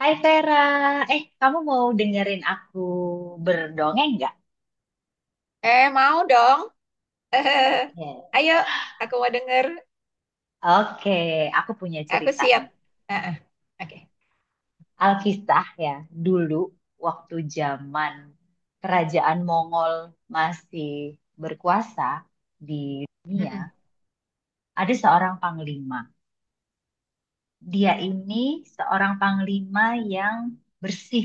Hai Vera, kamu mau dengerin aku berdongeng nggak? Mau dong. Iya. Ayo, aku mau denger. Oke, aku punya Aku cerita siap. nih. Ah, ah, oke. Alkisah ya, dulu waktu zaman kerajaan Mongol masih berkuasa di Mm-mm. dunia, ada seorang panglima. Dia ini seorang panglima yang bersih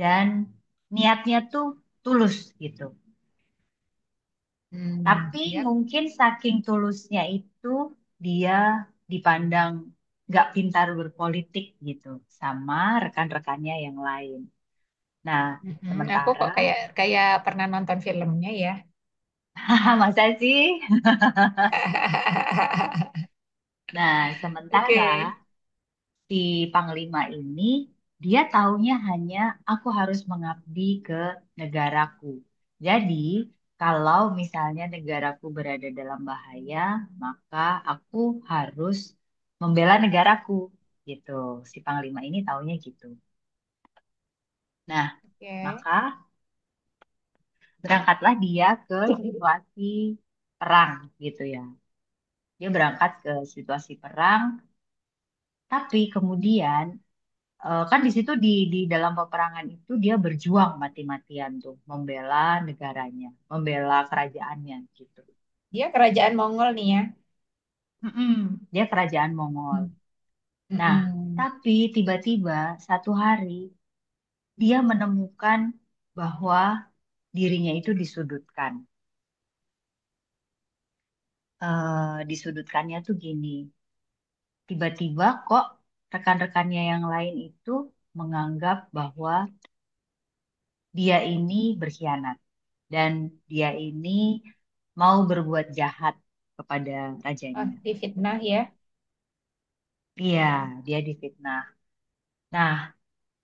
dan niatnya tuh tulus gitu. Hmm, Tapi yap. mungkin saking tulusnya itu dia dipandang nggak pintar berpolitik gitu sama rekan-rekannya yang lain. Nah, Mm-mm. Aku sementara, kok kayak kayak pernah nonton filmnya ya. masa sih? Nah, sementara Oke. si Panglima ini dia taunya hanya aku harus mengabdi ke negaraku. Jadi, kalau misalnya negaraku berada dalam bahaya, maka aku harus membela negaraku gitu. Si Panglima ini taunya gitu. Nah, Oke. maka berangkatlah dia ke situasi perang gitu ya. Dia berangkat ke situasi perang, tapi kemudian Eh, kan di situ di dalam peperangan itu dia berjuang mati-matian tuh membela negaranya, membela kerajaannya gitu. Dia kerajaan Mongol nih ya. Mm-mm. Dia kerajaan Mongol. Hmm. Nah, Mm-mm. tapi tiba-tiba satu hari dia menemukan bahwa dirinya itu disudutkan. Eh, disudutkannya tuh gini, tiba-tiba kok rekan-rekannya yang lain itu menganggap bahwa dia ini berkhianat, dan dia ini mau berbuat jahat kepada Oh, rajanya difitnah gitu. ya. Iya, dia difitnah. Nah,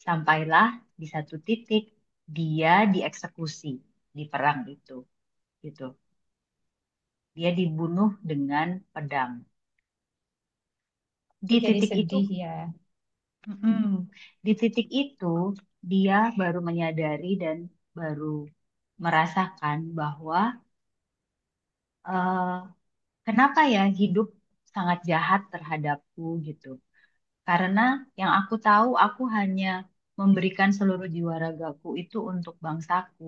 sampailah di satu titik dia dieksekusi di perang itu gitu. Dia dibunuh dengan pedang. Aku Di jadi titik itu, sedih ya. mm-mm, di titik itu dia baru menyadari dan baru merasakan bahwa eh, kenapa ya hidup sangat jahat terhadapku gitu. Karena yang aku tahu, aku hanya memberikan seluruh jiwa ragaku itu untuk bangsaku.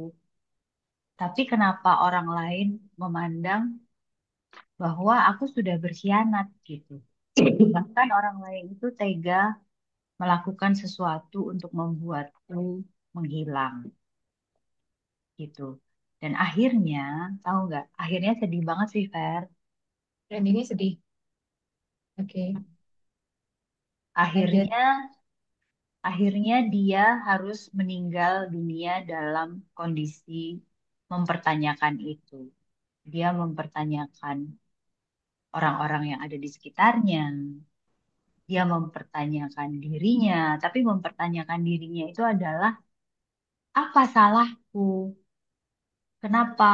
Tapi kenapa orang lain memandang bahwa aku sudah berkhianat gitu? Bahkan orang lain itu tega melakukan sesuatu untuk membuatku menghilang gitu. Dan akhirnya, tahu nggak? Akhirnya sedih banget sih, Fer. Dan ini sedih. Oke, lanjut. Akhirnya Akhirnya dia harus meninggal dunia dalam kondisi mempertanyakan itu. Dia mempertanyakan orang-orang yang ada di sekitarnya. Dia mempertanyakan dirinya, tapi mempertanyakan dirinya itu adalah apa salahku? Kenapa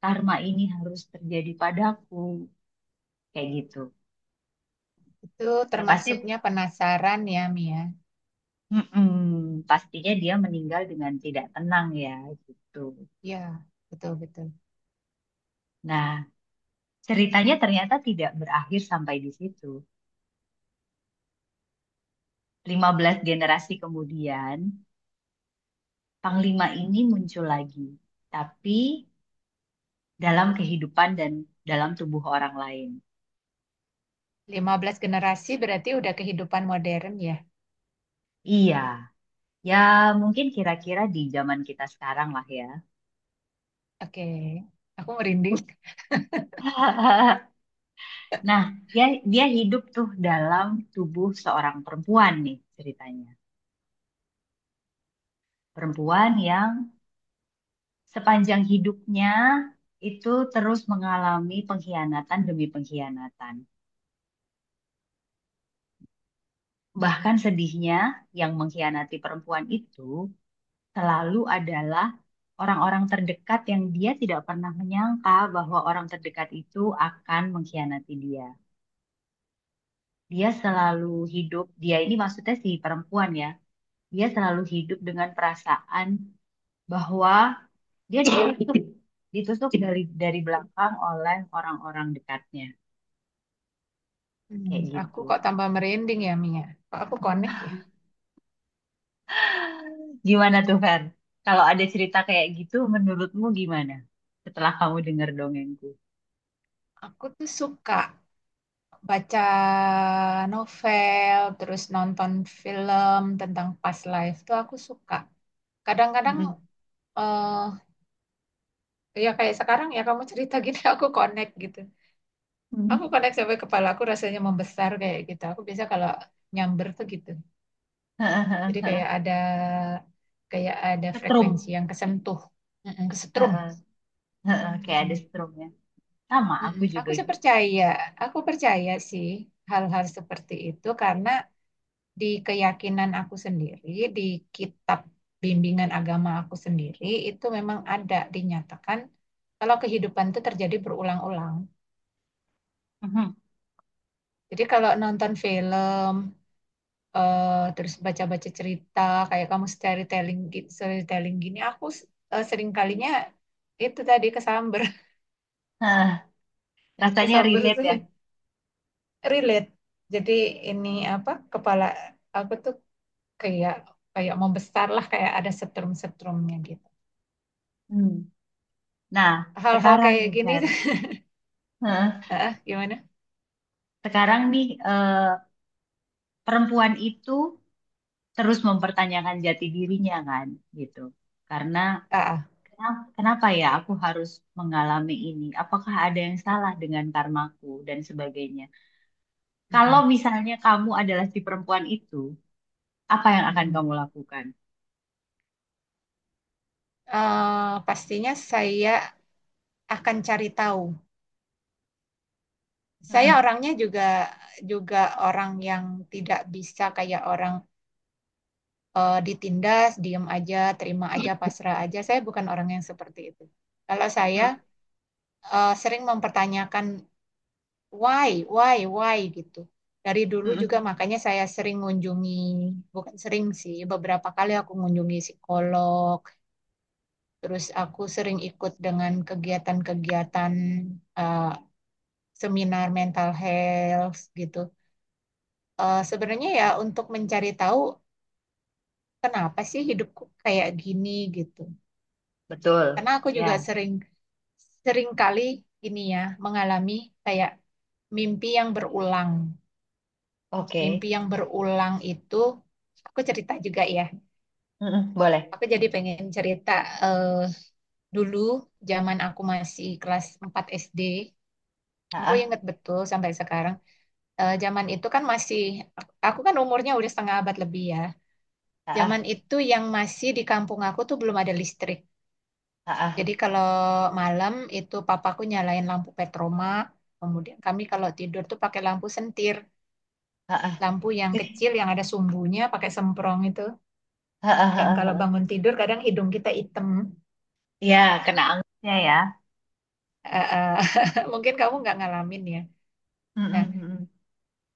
karma ini harus terjadi padaku? Kayak gitu. Itu Ya pasti, termasuknya penasaran ya, Mia. mm-mm, pastinya dia meninggal dengan tidak tenang ya gitu. Ya, betul-betul. Nah, ceritanya ternyata tidak berakhir sampai di situ. 15 generasi kemudian, Panglima ini muncul lagi, tapi dalam kehidupan dan dalam tubuh orang lain. 15 generasi berarti udah kehidupan modern ya. Iya, ya mungkin kira-kira di zaman kita sekarang lah ya. Oke, aku merinding. Nah, dia, dia hidup tuh dalam tubuh seorang perempuan nih ceritanya. Perempuan yang sepanjang hidupnya itu terus mengalami pengkhianatan demi pengkhianatan. Bahkan sedihnya, yang mengkhianati perempuan itu selalu adalah orang-orang terdekat yang dia tidak pernah menyangka bahwa orang terdekat itu akan mengkhianati dia. Dia selalu hidup, dia ini maksudnya si perempuan ya, dia selalu hidup dengan perasaan bahwa dia ditusuk, ditusuk dari belakang oleh orang-orang dekatnya, Hmm, kayak aku gitu. kok tambah merinding ya, Mia. Kok aku connect ya? Gimana tuh, Fer? Kalau ada cerita kayak gitu, menurutmu gimana? Setelah kamu dengar dongengku. Aku tuh suka baca novel, terus nonton film tentang past life tuh aku suka. Kadang-kadang Mm-mm. eh ya kayak sekarang ya kamu cerita gini aku connect gitu. Aku Mm. connect sampai kepala aku rasanya membesar kayak gitu. Aku biasa kalau nyamber tuh gitu. Jadi kayak ada Setrum. frekuensi yang kesentuh, mm-mm, kesetrum. Heeh, heeh, kayak ada Mm-mm, setrumnya. Sama, aku mm-mm. juga Aku sih gitu. percaya, aku percaya sih hal-hal seperti itu karena di keyakinan aku sendiri, di kitab bimbingan agama aku sendiri itu memang ada dinyatakan kalau kehidupan itu terjadi berulang-ulang. Mhm. Jadi kalau nonton film terus baca-baca cerita kayak kamu storytelling gitu storytelling gini aku sering kalinya itu tadi kesamber. Heeh, rasanya Kesamber tuh relate ya. relate, jadi ini apa kepala aku tuh kayak kayak mau besar lah kayak ada setrum-setrumnya gitu Hmm. Nah, hal-hal sekarang nih, kayak gini. Fer. Heeh, Ah gimana, sekarang nih, perempuan itu terus mempertanyakan jati dirinya kan, gitu. Karena ah ah. Kenapa ya aku harus mengalami ini? Apakah ada yang salah dengan karmaku dan sebagainya? Kalau Mm-mm. misalnya kamu adalah si perempuan itu, apa yang akan Mm-mm. kamu lakukan? Pastinya saya akan cari tahu. Saya Mm-mm. orangnya juga juga orang yang tidak bisa kayak orang ditindas, diem aja, terima aja, pasrah aja. Saya bukan orang yang seperti itu. Kalau saya Mm-mm. Sering mempertanyakan why, why, why gitu. Dari dulu juga Mm-mm. makanya saya sering mengunjungi, bukan sering sih, beberapa kali aku mengunjungi psikolog, terus aku sering ikut dengan kegiatan-kegiatan eh, seminar mental health gitu. Eh, sebenarnya ya untuk mencari tahu kenapa sih hidupku kayak gini gitu. Betul. Karena aku juga Ya. sering seringkali ini ya mengalami kayak mimpi yang berulang. Oke. Mimpi yang berulang itu aku cerita juga ya. Mm-mm. Boleh. Aku jadi pengen cerita eh, dulu zaman aku masih kelas 4 SD. Ah, Aku ah, inget betul sampai sekarang. Eh, zaman itu kan masih aku kan umurnya udah setengah abad lebih ya. Zaman ah, itu yang masih di kampung aku tuh belum ada listrik. ah, Jadi kalau malam itu papaku nyalain lampu petroma, kemudian kami kalau tidur tuh pakai lampu sentir, ah, lampu yang kecil yang ada sumbunya, pakai semprong itu, yang kalau ah. bangun tidur kadang hidung kita hitam. Ya kena angstnya ya. Eh, eh, mungkin kamu nggak ngalamin ya. Nah, Mm-mm. Mm-mm.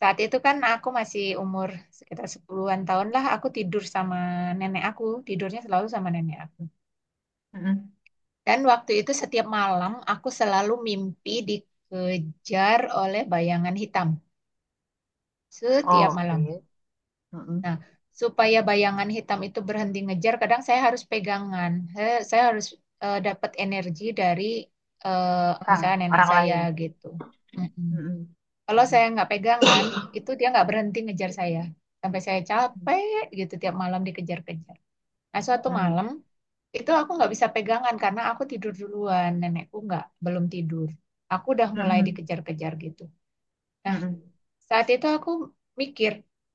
saat itu kan aku masih umur sekitar sepuluhan an tahun lah, aku tidur sama nenek aku, tidurnya selalu sama nenek aku. Mm-mm. Dan waktu itu setiap malam aku selalu mimpi dikejar oleh bayangan hitam setiap malam. Oke. Mm-mm. Nah, supaya bayangan hitam itu berhenti ngejar, kadang saya harus pegangan. Saya harus dapat energi dari Orang, misalnya nenek orang saya lain. gitu. Mm-mm. Mm-mm. Kalau Mm-mm. saya nggak pegangan, itu dia nggak berhenti ngejar saya. Sampai saya capek gitu tiap malam dikejar-kejar. Nah, suatu Mm-mm. malam itu aku nggak bisa pegangan karena aku tidur duluan. Nenekku nggak, belum tidur. Aku udah mulai Mm-mm. dikejar-kejar gitu. Nah, Mm-mm. saat itu aku mikir,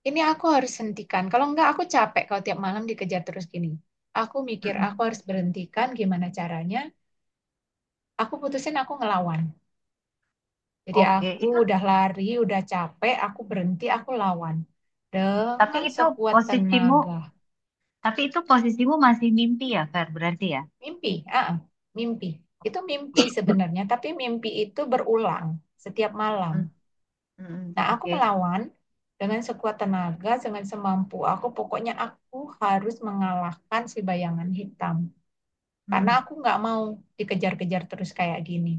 ini aku harus hentikan. Kalau enggak, aku capek kalau tiap malam dikejar terus gini. Aku mikir, aku Mm-mm. harus berhentikan gimana caranya. Aku putusin aku ngelawan. Jadi Oke, aku itu, udah lari, udah capek, aku berhenti, aku lawan. tapi Dengan itu sekuat posisimu, tenaga. tapi itu posisimu masih mimpi ya, Fer, berarti ya? Mimpi, ah, ah, mimpi. Itu mimpi sebenarnya, tapi mimpi itu berulang setiap malam. Mm-mm. Mm-mm. Nah, aku Oke. melawan dengan sekuat tenaga, dengan semampu aku. Pokoknya aku harus mengalahkan si bayangan hitam. Karena Mm-mm. aku nggak mau dikejar-kejar terus kayak gini.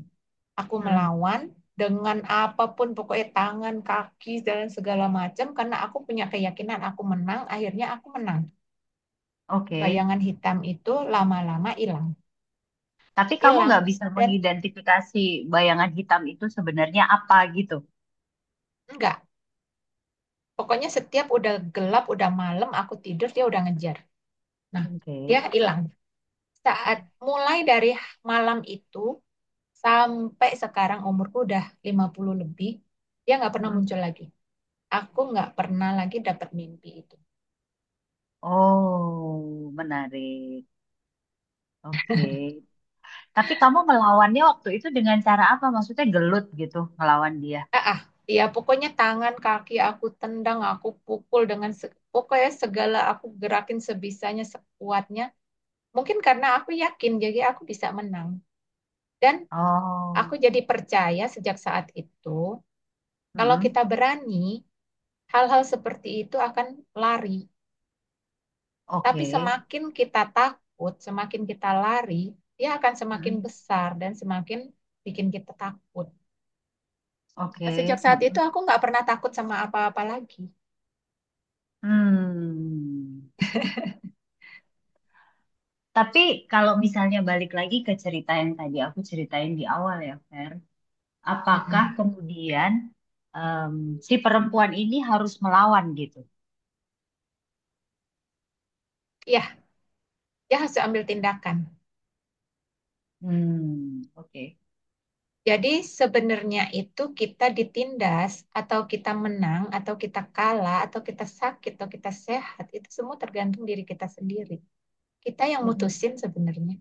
Aku Mm-mm. melawan dengan apapun, pokoknya tangan, kaki, dan segala macam. Karena aku punya keyakinan aku menang, akhirnya aku menang. Oke. Bayangan hitam itu lama-lama hilang. Tapi kamu Hilang. nggak bisa Dan mengidentifikasi bayangan hitam itu sebenarnya apa gitu? enggak. Pokoknya setiap udah gelap, udah malam, aku tidur, dia udah ngejar. Nah, Oke. dia hilang. Saat mulai dari malam itu sampai sekarang umurku udah 50 lebih, dia nggak pernah Mm-mm. muncul lagi. Aku nggak pernah lagi dapat mimpi itu. Oh, menarik. Oke. Tapi kamu melawannya waktu itu dengan cara apa? Maksudnya gelut gitu, melawan dia? Ah, ah, ya pokoknya tangan, kaki aku tendang, aku pukul dengan se- pokoknya segala aku gerakin sebisanya, sekuatnya. Mungkin karena aku yakin jadi aku bisa menang. Dan aku Oh. jadi percaya sejak saat itu, kalau Mm-mm. kita berani, hal-hal seperti itu akan lari. Tapi Oke. semakin kita takut, semakin kita lari, dia akan semakin Mm-mm. besar dan semakin bikin kita takut. Nah, sejak Oke. saat itu Mm-mm. aku nggak pernah takut sama apa-apa lagi. Hmm. Tapi kalau misalnya balik lagi ke cerita yang tadi aku ceritain di awal ya, Fer, apakah Mm-mm. kemudian em, si perempuan ini harus melawan gitu? Ya, dia harus ambil tindakan. Hmm, oke. Jadi sebenarnya itu kita ditindas atau kita menang atau kita kalah atau kita sakit atau kita sehat itu semua tergantung diri kita sendiri. Kita yang Mm-mm. mutusin sebenarnya.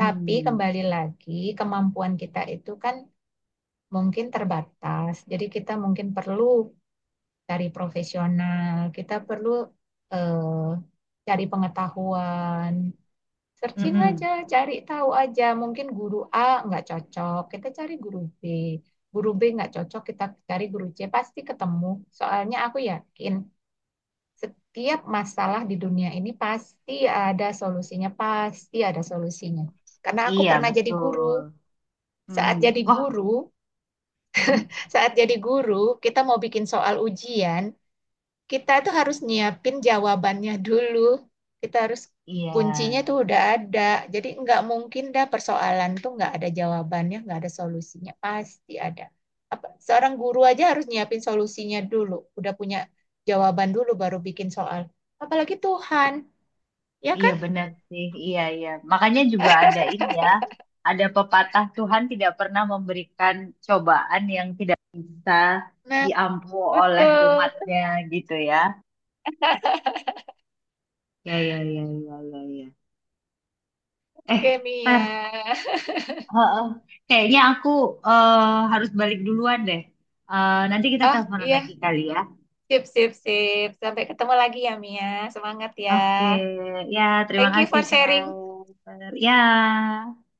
Tapi kembali lagi kemampuan kita itu kan mungkin terbatas. Jadi kita mungkin perlu cari profesional, kita perlu eh, cari pengetahuan, searching aja, Mm-mm. cari tahu aja. Mungkin guru A nggak cocok, kita cari guru B. Guru B nggak cocok, kita cari guru C, pasti ketemu. Soalnya aku yakin setiap masalah di dunia ini pasti ada solusinya, pasti ada solusinya. Karena aku Iya, pernah jadi betul. guru. Hmm. Saat jadi Wah. guru, Hmm. Saat jadi guru, kita mau bikin soal ujian, kita tuh harus nyiapin jawabannya dulu. Kita harus Iya. kuncinya tuh udah ada. Jadi nggak mungkin dah persoalan tuh nggak ada jawabannya, nggak ada solusinya. Pasti ada. Apa, seorang guru aja harus nyiapin solusinya dulu. Udah punya jawaban dulu baru bikin soal. Apalagi Tuhan, ya Iya kan? benar sih, iya iya. Makanya juga ada ini ya, ada pepatah Tuhan tidak pernah memberikan cobaan yang tidak bisa Nah, diampu oleh betul, umatnya gitu ya. Ya ya ya ya ya ya. Eh, ntar, Kemia. heeh. Kayaknya aku harus balik duluan deh. Eh, nanti kita teleponan Iya, lagi kali ya. sip, sip, sip. Sampai ketemu lagi ya, Mia. Semangat ya. Oke, ya terima Thank you kasih for saya. sharing Ya.